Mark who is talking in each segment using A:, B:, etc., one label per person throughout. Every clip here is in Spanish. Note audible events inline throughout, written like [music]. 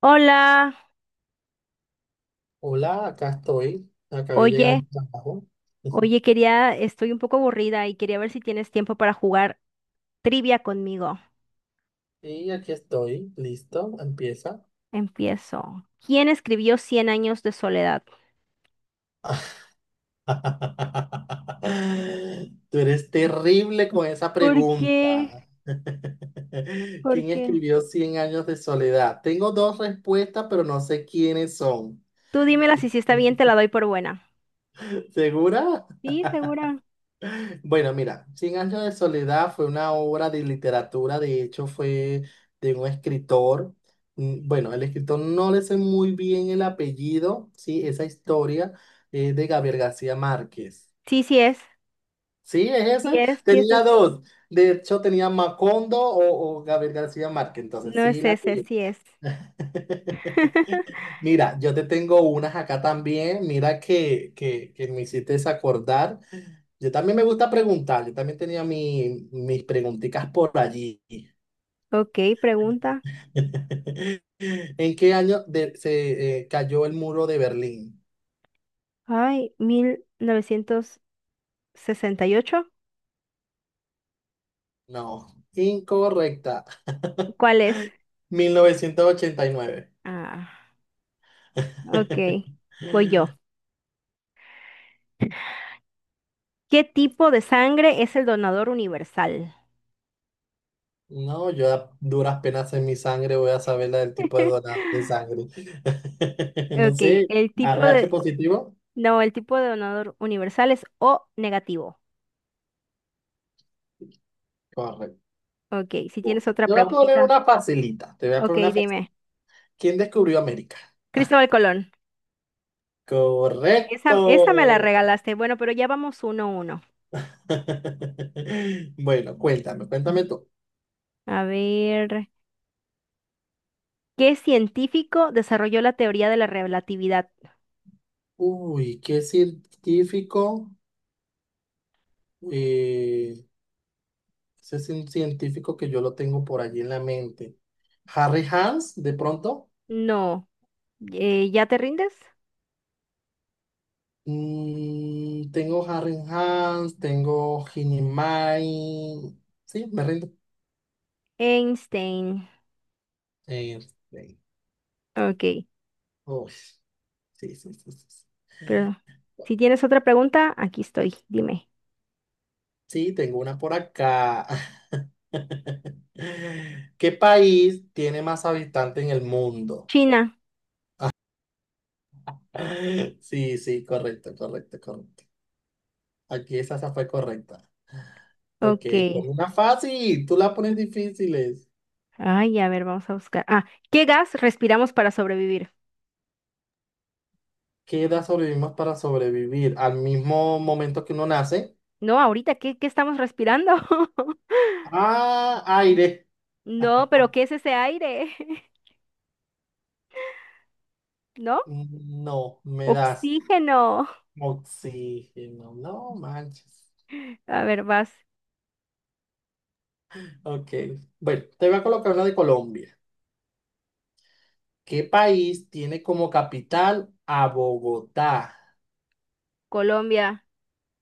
A: Hola,
B: Hola, acá estoy. Acabé de llegar
A: oye,
B: de mi trabajo. [laughs]
A: oye, quería, estoy un poco aburrida y quería ver si tienes tiempo para jugar trivia conmigo.
B: Y aquí estoy. Listo, empieza.
A: Empiezo. ¿Quién escribió Cien años de soledad?
B: [laughs] Tú eres terrible con esa
A: ¿Por qué?
B: pregunta. [laughs]
A: ¿Por
B: ¿Quién
A: qué?
B: escribió Cien años de soledad? Tengo dos respuestas, pero no sé quiénes son.
A: Tú dímela si sí está bien, te la doy por buena.
B: [laughs] ¿Segura?
A: Sí, segura.
B: Bueno, mira, Cien años de soledad fue una obra de literatura, de hecho fue de un escritor. Bueno, el escritor no le sé muy bien el apellido, ¿sí? Esa historia es de Gabriel García Márquez.
A: Sí, sí es.
B: ¿Sí? ¿Es
A: Sí
B: esa?
A: es, sí es.
B: Tenía
A: Ese.
B: dos. De hecho, tenía Macondo o Gabriel García Márquez, entonces
A: No
B: sí
A: es
B: la
A: ese,
B: pillé.
A: sí es.
B: [laughs]
A: [laughs]
B: Mira, yo te tengo unas acá también. Mira que me hiciste acordar. Yo también me gusta preguntar. Yo también tenía mis preguntitas por allí.
A: Ok, pregunta.
B: [laughs] ¿En qué año de- se cayó el muro de Berlín?
A: Ay, 1968.
B: No, incorrecta.
A: ¿Cuál es?
B: 1989.
A: Ah, ok.
B: [laughs]
A: Voy yo. ¿Qué tipo de sangre es el donador universal?
B: No, yo a duras penas en mi sangre voy a saber la del tipo de
A: [laughs]
B: donante de sangre. [laughs] No
A: Ok,
B: sé,
A: el
B: A
A: tipo
B: RH
A: de...
B: positivo.
A: No, el tipo de donador universal es O negativo.
B: Correcto.
A: Ok, si tienes otra
B: Yo voy a poner
A: preguntita.
B: una facilita. Te voy a
A: Ok,
B: poner una facilita.
A: dime.
B: ¿Quién descubrió América?
A: Cristóbal Colón.
B: Correcto.
A: Esa me la regalaste. Bueno, pero ya vamos uno a uno.
B: [laughs] Bueno, cuéntame, cuéntame tú.
A: A ver. ¿Qué científico desarrolló la teoría de la relatividad?
B: Uy, qué científico. eh, Ese es un científico que yo lo tengo por allí en la mente. Harry Hans, de pronto.
A: No. ¿Ya te rindes?
B: Tengo Harry Hans, tengo Hinimai. Sí, me rindo.
A: Einstein.
B: Eh, eh,
A: Ok,
B: uy, sí, sí, sí, sí, sí.
A: pero si tienes otra pregunta, aquí estoy. Dime.
B: Sí, tengo una por acá. [laughs] ¿Qué país tiene más habitantes en el mundo?
A: China.
B: [laughs] Sí, sí, correcto, correcto, correcto. Aquí esa fue correcta. Ok,
A: Ok.
B: pon una fácil, tú la pones difíciles.
A: Ay, a ver, vamos a buscar. Ah, ¿qué gas respiramos para sobrevivir?
B: ¿Qué edad sobrevivimos para sobrevivir? Al mismo momento que uno nace.
A: No, ahorita, ¿qué estamos respirando? [laughs]
B: Ah, aire.
A: No,
B: [laughs]
A: pero ¿qué es ese aire? [laughs] ¿No?
B: No, me das
A: Oxígeno.
B: oxígeno. No manches.
A: A ver, vas.
B: Ok, bueno, te voy a colocar una de Colombia. ¿Qué país tiene como capital a Bogotá?
A: Colombia.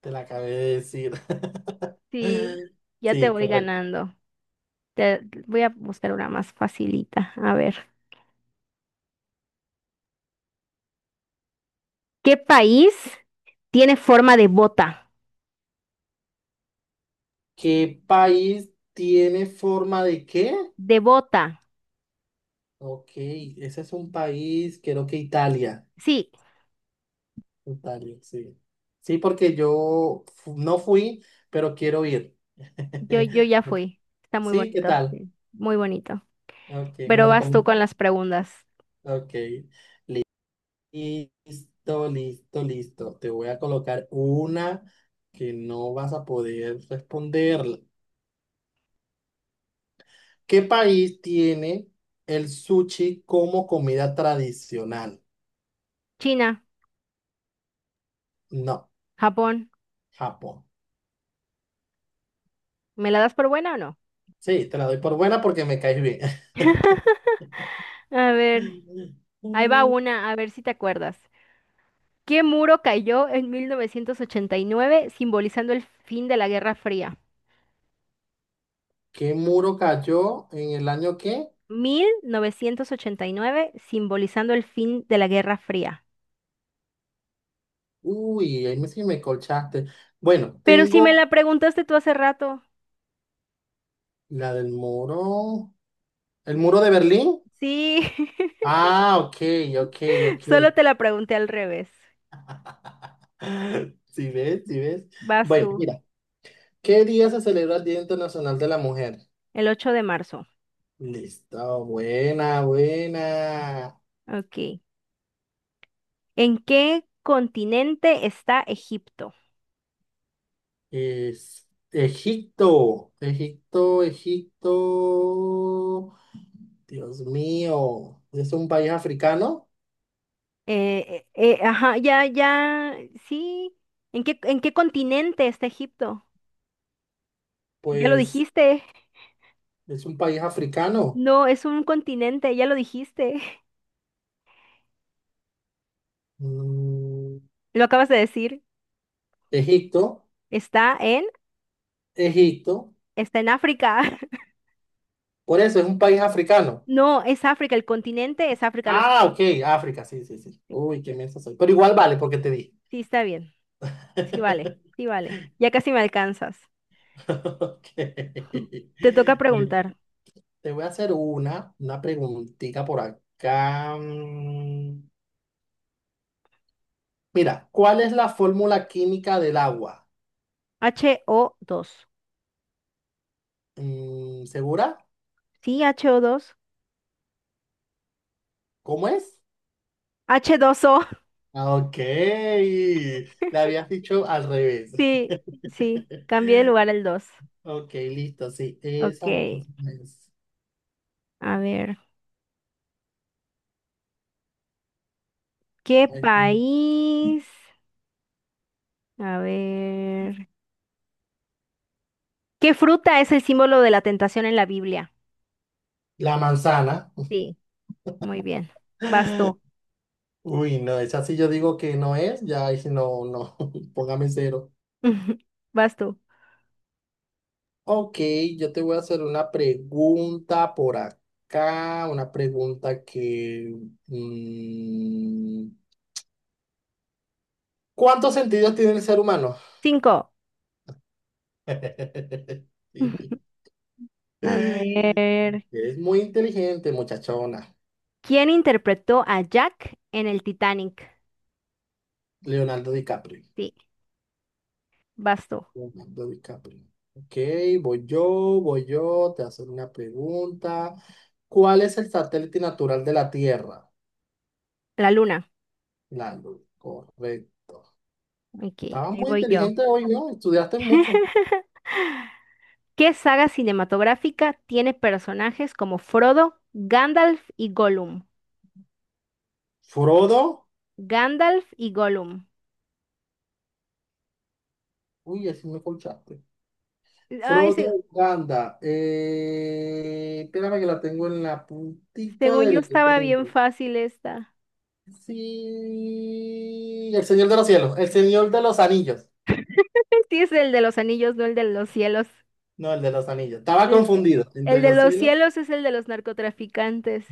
B: Te la acabé de decir.
A: Sí,
B: [laughs]
A: ya te
B: Sí,
A: voy
B: correcto.
A: ganando. Te, Voy a buscar una más facilita. A ver. ¿Qué país tiene forma de bota?
B: ¿Qué país tiene forma de qué?
A: De bota.
B: Ok, ese es un país, creo que Italia.
A: Sí,
B: Italia, sí. Sí, porque yo no fui, pero quiero ir.
A: yo ya
B: [laughs]
A: fui. Está muy
B: Sí, ¿qué
A: bonito,
B: tal?
A: sí, muy bonito.
B: Ok, ¿me lo
A: Pero vas tú con
B: recomiendo?
A: las preguntas.
B: Ok. Listo, listo, listo. Te voy a colocar una que no vas a poder responderla. ¿Qué país tiene el sushi como comida tradicional?
A: China,
B: No,
A: Japón.
B: Japón.
A: ¿Me la das por buena o no?
B: Sí, te la doy por buena porque me caes bien.
A: A ver, ahí va
B: [laughs]
A: una, a ver si te acuerdas. ¿Qué muro cayó en 1989, simbolizando el fin de la Guerra Fría?
B: ¿Qué muro cayó en el año qué?
A: 1989, simbolizando el fin de la Guerra Fría.
B: Uy, ahí me, sí me colchaste. Bueno,
A: Pero si me
B: tengo
A: la preguntaste tú hace rato.
B: la del muro. ¿El muro de Berlín?
A: Sí, [laughs]
B: Ah, ok, ok,
A: solo
B: ok.
A: te la pregunté al revés.
B: [laughs] ¿Si ves? ¿Si ves?
A: Vas
B: Bueno,
A: tú,
B: mira, ¿qué día se celebra el Día Internacional de la Mujer?
A: el 8 de marzo.
B: Listo, buena, buena.
A: Ok. ¿En qué continente está Egipto?
B: Es Egipto, Egipto, Egipto. Dios mío, ¿es un país africano?
A: Ajá, ya, ya, sí. ¿En qué continente está Egipto? Ya lo
B: Pues
A: dijiste.
B: es un país africano.
A: No, es un continente, ya lo dijiste. [laughs]
B: Mm,
A: Lo acabas de decir.
B: Egipto,
A: Está en,
B: Egipto.
A: está en África. [laughs]
B: Por eso es un país africano.
A: No, es África, el continente es África.
B: Ah, ok, África, sí, sí, sí. Uy, qué mensa soy. Pero igual vale porque te dije.
A: Sí, está bien. Sí, vale,
B: [laughs]
A: sí, vale. Ya casi me alcanzas.
B: [laughs] Ok.
A: Te toca
B: Bueno,
A: preguntar.
B: te voy a hacer una preguntita por acá. Mira, ¿cuál es la fórmula química del agua?
A: H O dos.
B: ¿Segura?
A: Sí, H O dos.
B: ¿Cómo es?
A: H dos o.
B: Ah, ok, le habías dicho al revés.
A: [laughs] Sí, sí.
B: [laughs]
A: Cambié de lugar el 2.
B: Ok, listo, sí,
A: Ok,
B: esa es.
A: a ver. ¿Qué país? A ver. ¿Qué fruta es el símbolo de la tentación en la Biblia?
B: La manzana.
A: Sí, muy bien. Vas tú.
B: Uy, no, esa sí yo digo que no es, ya ahí sí no, no, [laughs] póngame cero.
A: [laughs] Vas tú.
B: Ok, yo te voy a hacer una pregunta por acá, una pregunta que... mm, ¿cuántos sentidos tiene el ser humano?
A: Cinco.
B: [laughs] Sí.
A: [laughs] A ver.
B: Es muy inteligente, muchachona.
A: ¿Quién interpretó a Jack en el Titanic?
B: Leonardo DiCaprio.
A: Sí, vas tú.
B: Leonardo DiCaprio. Ok, voy yo, te voy a hacer una pregunta. ¿Cuál es el satélite natural de la Tierra?
A: La luna.
B: La Luna, correcto.
A: Ok,
B: Estabas
A: ahí
B: muy
A: voy yo.
B: inteligente hoy, ¿no? Estudiaste mucho.
A: [laughs] ¿Qué saga cinematográfica tiene personajes como Frodo, Gandalf y Gollum?
B: Frodo.
A: Gandalf y Gollum.
B: Uy, así me colchaste.
A: Ay,
B: Frodo
A: sí,
B: Uganda. Espérame que la tengo en la puntica
A: según yo
B: del
A: estaba bien
B: dedo.
A: fácil esta.
B: Sí. El Señor de los Cielos. El Señor de los Anillos.
A: Sí, es el de los anillos, no el de los cielos.
B: No, el de los Anillos. Estaba
A: El, de-
B: confundido entre
A: el de
B: los
A: los
B: cielos.
A: cielos es el de los narcotraficantes.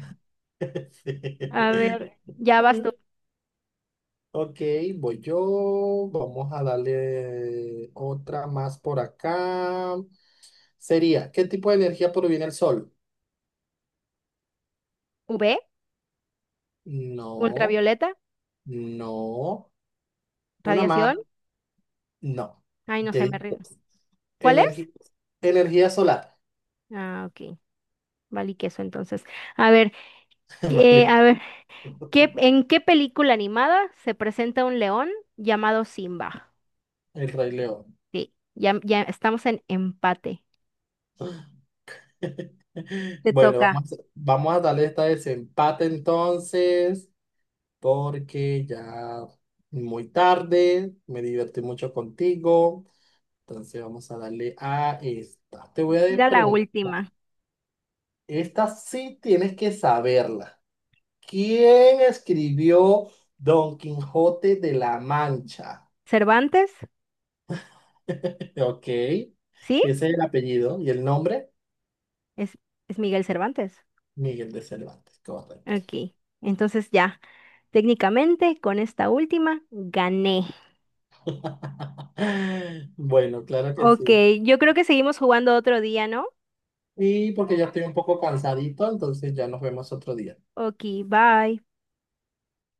A: A ver,
B: [laughs]
A: ya vas tú.
B: Ok, voy yo. Vamos a darle otra más por acá. Sería, ¿qué tipo de energía proviene del sol?
A: UV,
B: No,
A: ultravioleta,
B: no. Una más.
A: radiación.
B: No,
A: Ay, no
B: te
A: sé, me
B: di
A: rindo. ¿Cuál es?
B: energi- energía solar.
A: Ah, ok. Vale, y queso entonces. A ver,
B: [laughs] Vale,
A: a ver, ¿en qué película animada se presenta un león llamado Simba?
B: el Rey León.
A: Sí, ya, ya estamos en empate.
B: [laughs]
A: Te
B: Bueno,
A: toca.
B: vamos, vamos a darle esta desempate entonces, porque ya muy tarde, me divertí mucho contigo. Entonces vamos a darle a esta. Te voy a
A: Tira la
B: preguntar,
A: última.
B: esta sí tienes que saberla. ¿Quién escribió Don Quijote de la Mancha?
A: ¿Cervantes?
B: Ok, ese
A: ¿Sí?
B: es el apellido y el nombre,
A: Es, es Miguel Cervantes.
B: Miguel de Cervantes, correcto.
A: Ok, entonces ya, técnicamente con esta última gané.
B: [laughs] Bueno, claro que
A: Ok,
B: sí.
A: yo creo que seguimos jugando otro día, ¿no?
B: Y porque ya estoy un poco cansadito, entonces ya nos vemos otro día.
A: Ok, bye.